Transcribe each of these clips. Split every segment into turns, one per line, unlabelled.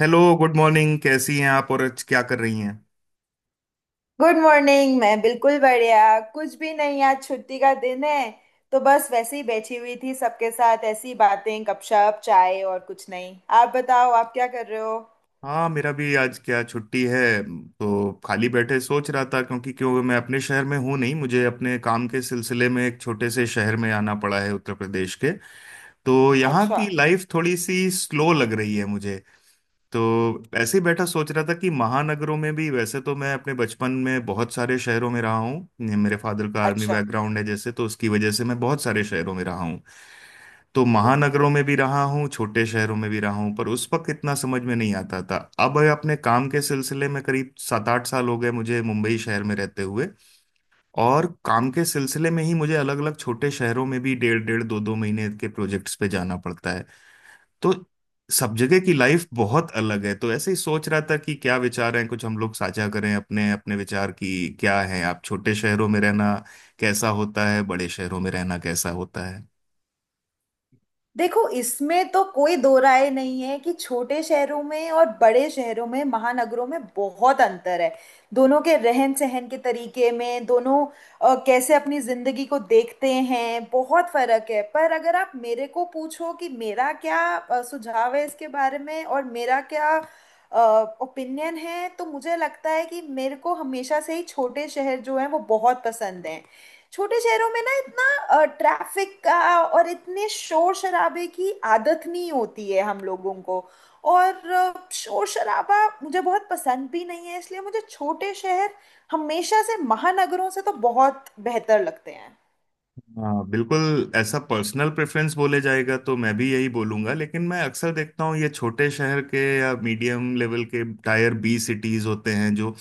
Hello, good morning. कैसी हैं आप और आज क्या कर रही हैं?
Good morning. मैं बिल्कुल बढ़िया। कुछ भी नहीं, आज छुट्टी का दिन है, तो बस वैसे ही बैठी हुई थी। सबके साथ ऐसी बातें, गपशप, चाय, और कुछ नहीं। आप बताओ, आप क्या कर रहे हो?
हाँ, मेरा भी आज क्या छुट्टी है। तो खाली बैठे सोच रहा था क्योंकि क्यों मैं अपने शहर में हूँ नहीं, मुझे अपने काम के सिलसिले में एक छोटे से शहर में आना पड़ा है उत्तर प्रदेश के। तो यहाँ
अच्छा।
की लाइफ थोड़ी सी स्लो लग रही है मुझे। तो ऐसे ही बैठा सोच रहा था कि महानगरों में भी, वैसे तो मैं अपने बचपन में बहुत सारे शहरों में रहा हूँ। मेरे फादर का आर्मी
अच्छा।
बैकग्राउंड है, जैसे तो उसकी वजह से मैं बहुत सारे शहरों में रहा हूँ। तो महानगरों में भी रहा हूँ, छोटे शहरों में भी रहा हूँ, पर उस वक्त इतना समझ में नहीं आता था। अब अपने काम के सिलसिले में करीब 7-8 साल हो गए मुझे मुंबई शहर में रहते हुए। और काम के सिलसिले में ही मुझे अलग अलग छोटे शहरों में भी 1.5-1.5 2-2 महीने के प्रोजेक्ट्स पे जाना पड़ता है। तो सब जगह की लाइफ बहुत अलग है। तो ऐसे ही सोच रहा था कि क्या विचार हैं, कुछ हम लोग साझा करें अपने अपने विचार की क्या है। आप छोटे शहरों में रहना कैसा होता है, बड़े शहरों में रहना कैसा होता है।
देखो, इसमें तो कोई दो राय नहीं है कि छोटे शहरों में और बड़े शहरों में, महानगरों में, बहुत अंतर है। दोनों के रहन सहन के तरीके में, दोनों कैसे अपनी जिंदगी को देखते हैं, बहुत फर्क है। पर अगर आप मेरे को पूछो कि मेरा क्या सुझाव है इसके बारे में और मेरा क्या ओपिनियन है, तो मुझे लगता है कि मेरे को हमेशा से ही छोटे शहर जो हैं वो बहुत पसंद हैं। छोटे शहरों में ना इतना ट्रैफिक का और इतने शोर शराबे की आदत नहीं होती है हम लोगों को। और शोर शराबा मुझे बहुत पसंद भी नहीं है, इसलिए मुझे छोटे शहर हमेशा से महानगरों से तो बहुत बेहतर लगते हैं।
हाँ, बिल्कुल, ऐसा पर्सनल प्रेफरेंस बोले जाएगा तो मैं भी यही बोलूंगा। लेकिन मैं अक्सर देखता हूँ ये छोटे शहर के या मीडियम लेवल के टायर बी सिटीज होते हैं, जो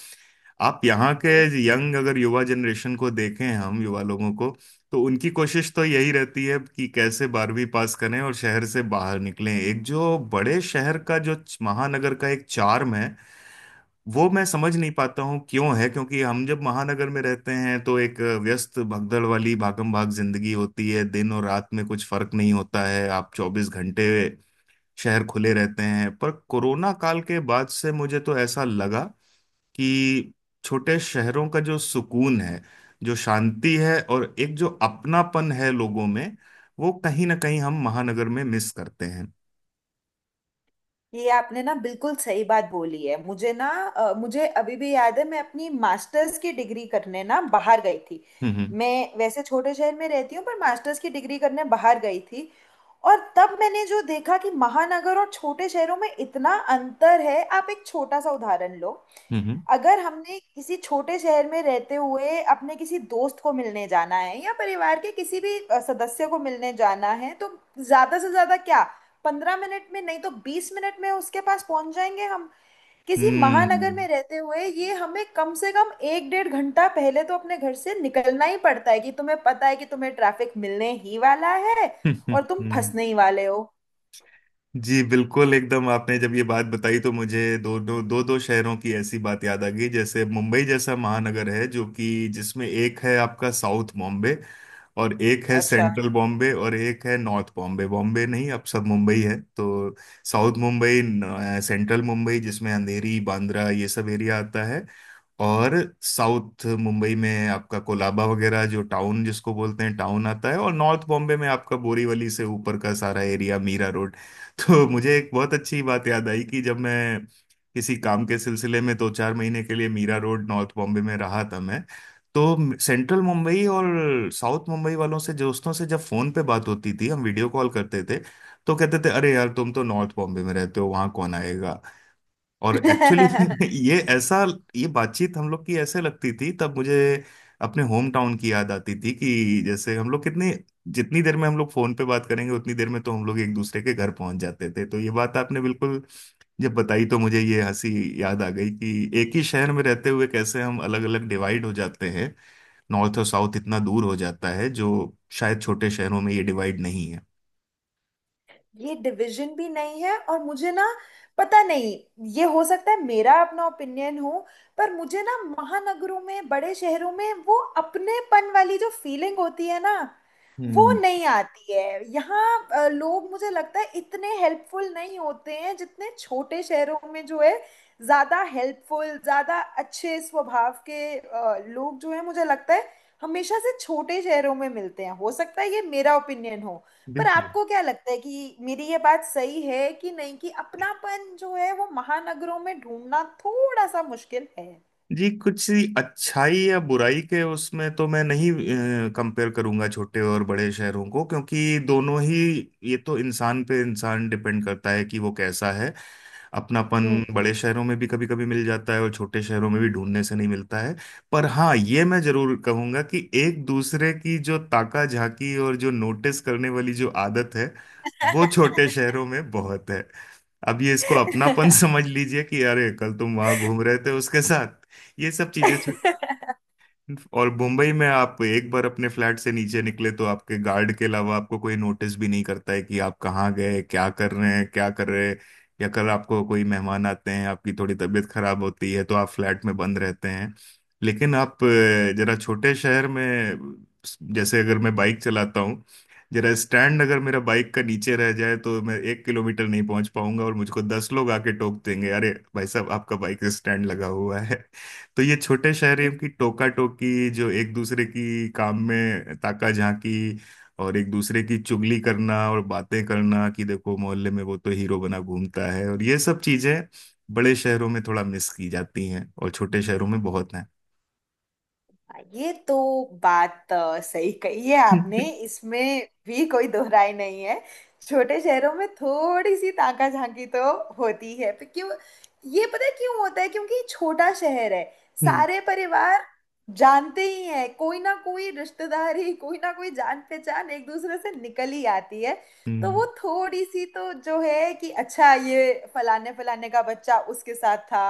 आप यहाँ के यंग, अगर युवा जनरेशन को देखें, हम युवा लोगों को, तो उनकी कोशिश तो यही रहती है कि कैसे 12वीं पास करें और शहर से बाहर निकलें। एक जो बड़े शहर का, जो महानगर का एक चार्म है, वो मैं समझ नहीं पाता हूँ क्यों है। क्योंकि हम जब महानगर में रहते हैं तो एक व्यस्त भगदड़ वाली भागम भाग जिंदगी होती है, दिन और रात में कुछ फर्क नहीं होता है, आप 24 घंटे शहर खुले रहते हैं। पर कोरोना काल के बाद से मुझे तो ऐसा लगा कि छोटे शहरों का जो सुकून है, जो शांति है, और एक जो अपनापन है लोगों में, वो कहीं ना कहीं हम महानगर में मिस करते हैं।
ये आपने ना बिल्कुल सही बात बोली है। मुझे ना मुझे अभी भी याद है, मैं अपनी मास्टर्स की डिग्री करने ना बाहर गई थी।
हम्म।
मैं वैसे छोटे शहर में रहती हूँ, पर मास्टर्स की डिग्री करने बाहर गई थी। और तब मैंने जो देखा कि महानगर और छोटे शहरों में इतना अंतर है। आप एक छोटा सा उदाहरण लो,
हम्म। हम्म।
अगर हमने किसी छोटे शहर में रहते हुए अपने किसी दोस्त को मिलने जाना है या परिवार के किसी भी सदस्य को मिलने जाना है, तो ज्यादा से ज्यादा क्या, 15 मिनट में नहीं तो 20 मिनट में उसके पास पहुंच जाएंगे हम। किसी महानगर
हम्म।
में रहते हुए ये हमें कम से कम एक डेढ़ घंटा पहले तो अपने घर से निकलना ही पड़ता है कि तुम्हें पता है कि तुम्हें ट्रैफिक मिलने ही वाला है
हम्म। हम्म।
और तुम
हम्म।
फंसने ही वाले हो।
जी बिल्कुल एकदम, आपने जब ये बात बताई तो मुझे दो दो शहरों की ऐसी बात याद आ गई। जैसे मुंबई जैसा महानगर है जो कि जिसमें एक है आपका साउथ बॉम्बे, और एक है
अच्छा।
सेंट्रल बॉम्बे, और एक है नॉर्थ बॉम्बे। बॉम्बे नहीं, अब सब मुंबई है। तो साउथ मुंबई सेंट्रल मुंबई जिसमें अंधेरी, बांद्रा, ये सब एरिया आता है। और साउथ मुंबई में आपका कोलाबा वगैरह, जो टाउन, जिसको बोलते हैं टाउन, आता है। और नॉर्थ बॉम्बे में आपका बोरीवली से ऊपर का सारा एरिया, मीरा रोड। तो मुझे एक बहुत अच्छी बात याद आई कि जब मैं किसी काम के सिलसिले में दो चार महीने के लिए मीरा रोड, नॉर्थ बॉम्बे में रहा था मैं, तो सेंट्रल मुंबई और साउथ मुंबई वालों से, दोस्तों से, जब फोन पे बात होती थी, हम वीडियो कॉल करते थे, तो कहते थे, अरे यार, तुम तो नॉर्थ बॉम्बे में रहते हो, वहां कौन आएगा। और एक्चुअली ये ऐसा, ये बातचीत हम लोग की ऐसे लगती थी, तब मुझे अपने होम टाउन की याद आती थी कि जैसे हम लोग कितने, जितनी देर में हम लोग फोन पे बात करेंगे उतनी देर में तो हम लोग एक दूसरे के घर पहुंच जाते थे। तो ये बात आपने बिल्कुल जब बताई तो मुझे ये हंसी याद आ गई कि एक ही शहर में रहते हुए कैसे हम अलग अलग डिवाइड हो जाते हैं, नॉर्थ और साउथ इतना दूर हो जाता है, जो शायद छोटे शहरों में ये डिवाइड नहीं है।
ये डिवीजन भी नहीं है। और मुझे ना, पता नहीं, ये हो सकता है मेरा अपना ओपिनियन हो, पर मुझे ना महानगरों में, बड़े शहरों में, वो अपनेपन वाली जो फीलिंग होती है ना, वो
हम्म।
नहीं आती है यहाँ। लोग मुझे लगता है इतने हेल्पफुल नहीं होते हैं जितने छोटे शहरों में जो है, ज्यादा हेल्पफुल, ज्यादा अच्छे स्वभाव के लोग जो है, मुझे लगता है हमेशा से छोटे शहरों में मिलते हैं। हो सकता है ये मेरा ओपिनियन हो, पर
बिल्कुल।
आपको क्या लगता है कि मेरी ये बात सही है कि नहीं, कि अपनापन जो है वो महानगरों में ढूंढना थोड़ा सा मुश्किल है?
जी, कुछ सी अच्छाई या बुराई के, उसमें तो मैं नहीं कंपेयर करूंगा छोटे और बड़े शहरों को, क्योंकि दोनों ही, ये तो इंसान पे इंसान डिपेंड करता है कि वो कैसा है। अपनापन बड़े शहरों में भी कभी कभी मिल जाता है और छोटे शहरों में भी ढूंढने से नहीं मिलता है। पर हाँ, ये मैं जरूर कहूंगा कि एक दूसरे की जो ताका झाकी और जो नोटिस करने वाली जो आदत है, वो छोटे शहरों में बहुत है। अब ये, इसको अपनापन समझ लीजिए कि अरे कल तुम वहां घूम रहे थे उसके साथ, ये सब चीजें और मुंबई में आप एक बार अपने फ्लैट से नीचे निकले तो आपके गार्ड के अलावा आपको कोई नोटिस भी नहीं करता है कि आप कहाँ गए, क्या कर रहे हैं क्या कर रहे हैं। या कल आपको कोई मेहमान आते हैं, आपकी थोड़ी तबीयत खराब होती है तो आप फ्लैट में बंद रहते हैं। लेकिन आप जरा छोटे शहर में, जैसे अगर मैं बाइक चलाता हूँ, जरा स्टैंड अगर मेरा बाइक का नीचे रह जाए तो मैं 1 किलोमीटर नहीं पहुंच पाऊंगा और मुझको 10 लोग आके टोक देंगे, अरे भाई साहब, आपका बाइक स्टैंड लगा हुआ है। तो ये छोटे शहरों की टोका टोकी, जो एक दूसरे की काम में ताका झांकी, और एक दूसरे की चुगली करना और बातें करना कि देखो मोहल्ले में वो तो हीरो बना घूमता है, और ये सब चीजें बड़े शहरों में थोड़ा मिस की जाती हैं और छोटे शहरों में बहुत हैं।
ये तो बात सही कही है आपने, इसमें भी कोई दोहराई नहीं है। छोटे शहरों में थोड़ी सी ताका झांकी तो होती है, पर क्यों, ये पता है क्यों होता है? क्योंकि छोटा शहर है,
हम्म।
सारे परिवार जानते ही हैं, कोई ना कोई रिश्तेदारी, कोई ना कोई जान पहचान एक दूसरे से निकल ही आती है। तो
हम्म।
वो थोड़ी सी तो जो है कि अच्छा ये फलाने फलाने का बच्चा उसके साथ था,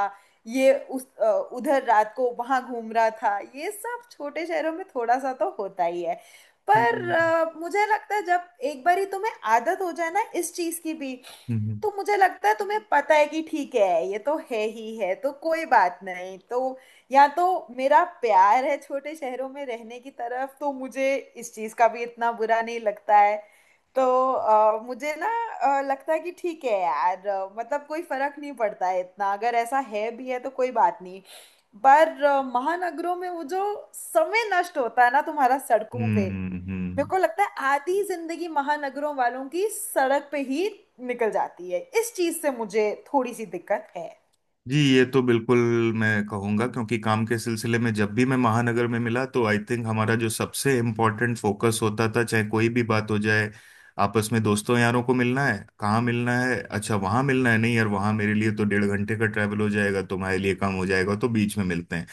ये उस उधर रात को वहां घूम रहा था, ये सब छोटे शहरों में थोड़ा सा तो होता ही है। पर
हम्म।
मुझे लगता है जब एक बारी तुम्हें आदत हो जाए ना इस चीज की भी,
हम्म। हम्म।
तो मुझे लगता है तुम्हें पता है कि ठीक है, ये तो है ही है, तो कोई बात नहीं। तो या तो मेरा प्यार है छोटे शहरों में रहने की तरफ, तो मुझे इस चीज का भी इतना बुरा नहीं लगता है। तो मुझे ना लगता है कि ठीक है यार, मतलब कोई फर्क नहीं पड़ता है इतना, अगर ऐसा है भी है तो कोई बात नहीं। पर महानगरों में वो जो समय नष्ट होता है ना तुम्हारा सड़कों
हम्म।
पे,
हम्म।
मेरे
हम्म।
को लगता है आधी जिंदगी महानगरों वालों की सड़क पे ही निकल जाती है। इस चीज से मुझे थोड़ी सी दिक्कत है।
जी, ये तो बिल्कुल मैं कहूँगा क्योंकि काम के सिलसिले में जब भी मैं महानगर में मिला, तो आई थिंक हमारा जो सबसे इम्पोर्टेंट फोकस होता था, चाहे कोई भी बात हो जाए, आपस में दोस्तों यारों को मिलना है कहाँ, मिलना है अच्छा वहाँ मिलना है, नहीं यार वहाँ मेरे लिए तो 1.5 घंटे का ट्रैवल हो जाएगा, तुम्हारे लिए कम हो जाएगा, तो बीच में मिलते हैं।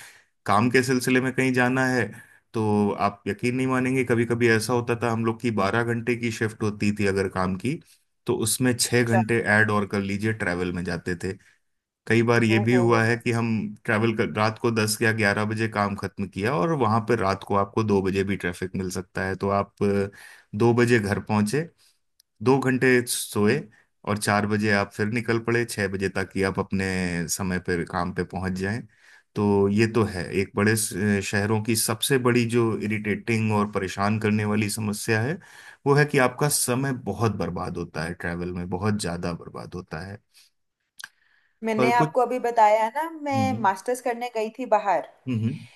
काम के सिलसिले में कहीं जाना है, तो आप यकीन नहीं मानेंगे, कभी कभी ऐसा होता था हम लोग की 12 घंटे की शिफ्ट होती थी अगर काम की, तो उसमें छह
अच्छा।
घंटे ऐड और कर लीजिए ट्रैवल में जाते थे। कई बार ये
ओ
भी
हो
हुआ है
हो।
कि हम ट्रैवल कर रात को 10 या 11 बजे काम खत्म किया, और वहां पर रात को आपको 2 बजे भी ट्रैफिक मिल सकता है। तो आप 2 बजे घर पहुंचे, 2 घंटे सोए, और 4 बजे आप फिर निकल पड़े 6 बजे तक कि आप अपने समय पर काम पे पहुंच जाएं। तो ये तो है एक बड़े शहरों की सबसे बड़ी जो इरिटेटिंग और परेशान करने वाली समस्या है, वो है कि आपका समय बहुत बर्बाद होता है, ट्रैवल में बहुत ज्यादा बर्बाद होता है। पर
मैंने
कुछ।
आपको अभी बताया ना, मैं
हम्म।
मास्टर्स करने गई थी बाहर,
हम्म।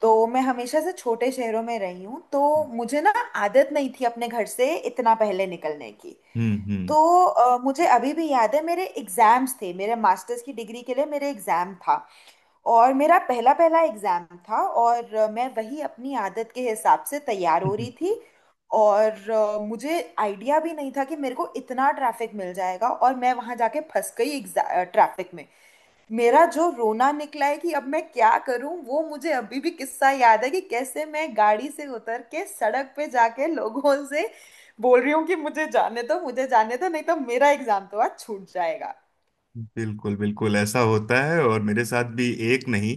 तो मैं हमेशा से छोटे शहरों में रही हूँ, तो
हम्म।
मुझे ना आदत नहीं थी अपने घर से इतना पहले निकलने की। तो
हम्म।
मुझे अभी भी याद है, मेरे एग्जाम्स थे, मेरे मास्टर्स की डिग्री के लिए मेरे एग्जाम था, और मेरा पहला पहला एग्जाम था। और मैं वही अपनी आदत के हिसाब से तैयार हो रही थी, और मुझे आइडिया भी नहीं था कि मेरे को इतना ट्रैफिक मिल जाएगा, और मैं वहां जाके फंस गई ट्रैफिक में। मेरा जो रोना निकला है कि अब मैं क्या करूं, वो मुझे अभी भी किस्सा याद है कि कैसे मैं गाड़ी से उतर के सड़क पे जाके लोगों से बोल रही हूँ कि मुझे जाने दो, मुझे जाने दो, नहीं तो मेरा एग्जाम तो आज छूट जाएगा।
बिल्कुल बिल्कुल ऐसा होता है, और मेरे साथ भी एक नहीं,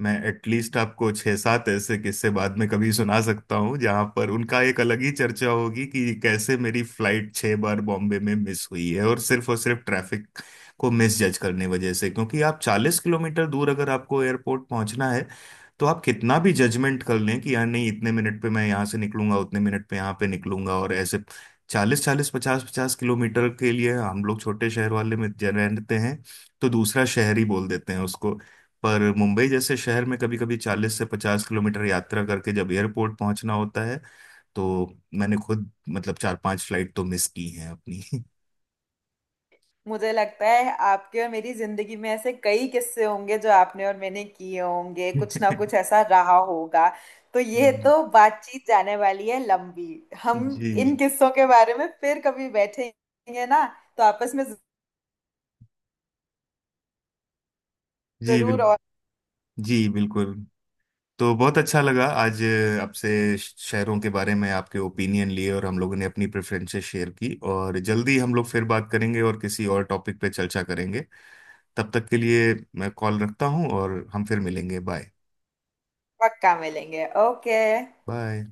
मैं एटलीस्ट आपको छह सात ऐसे किस्से बाद में कभी सुना सकता हूँ जहां पर उनका एक अलग ही चर्चा होगी कि कैसे मेरी फ्लाइट छह बार बॉम्बे में मिस हुई है, और सिर्फ ट्रैफिक को मिस जज करने वजह से। क्योंकि आप 40 किलोमीटर दूर अगर आपको एयरपोर्ट पहुंचना है, तो आप कितना भी जजमेंट कर लें कि यार नहीं इतने मिनट पे मैं यहाँ से निकलूंगा, उतने मिनट पे यहाँ पे निकलूंगा। और ऐसे चालीस चालीस पचास पचास किलोमीटर के लिए हम लोग, छोटे शहर वाले में रहते हैं, तो दूसरा शहर ही बोल देते हैं उसको। पर मुंबई जैसे शहर में कभी कभी 40 से 50 किलोमीटर यात्रा करके जब एयरपोर्ट पहुंचना होता है, तो मैंने खुद मतलब चार पांच फ्लाइट तो मिस की हैं अपनी।
मुझे लगता है आपके और मेरी जिंदगी में ऐसे कई किस्से होंगे जो आपने और मैंने किए होंगे, कुछ ना कुछ ऐसा रहा होगा। तो ये तो बातचीत जाने वाली है लंबी। हम इन
जी।
किस्सों के बारे में फिर कभी बैठेंगे ना, तो आपस में,
जी
जरूर।
बिल्कुल। जी बिल्कुल। तो बहुत अच्छा लगा आज आपसे शहरों के बारे में आपके ओपिनियन लिए, और हम लोगों ने अपनी प्रेफरेंसेस शेयर की, और जल्दी हम लोग फिर बात करेंगे और किसी और टॉपिक पे चर्चा करेंगे। तब तक के लिए मैं कॉल रखता हूँ और हम फिर मिलेंगे। बाय।
पक्का मिलेंगे, ओके।
बाय।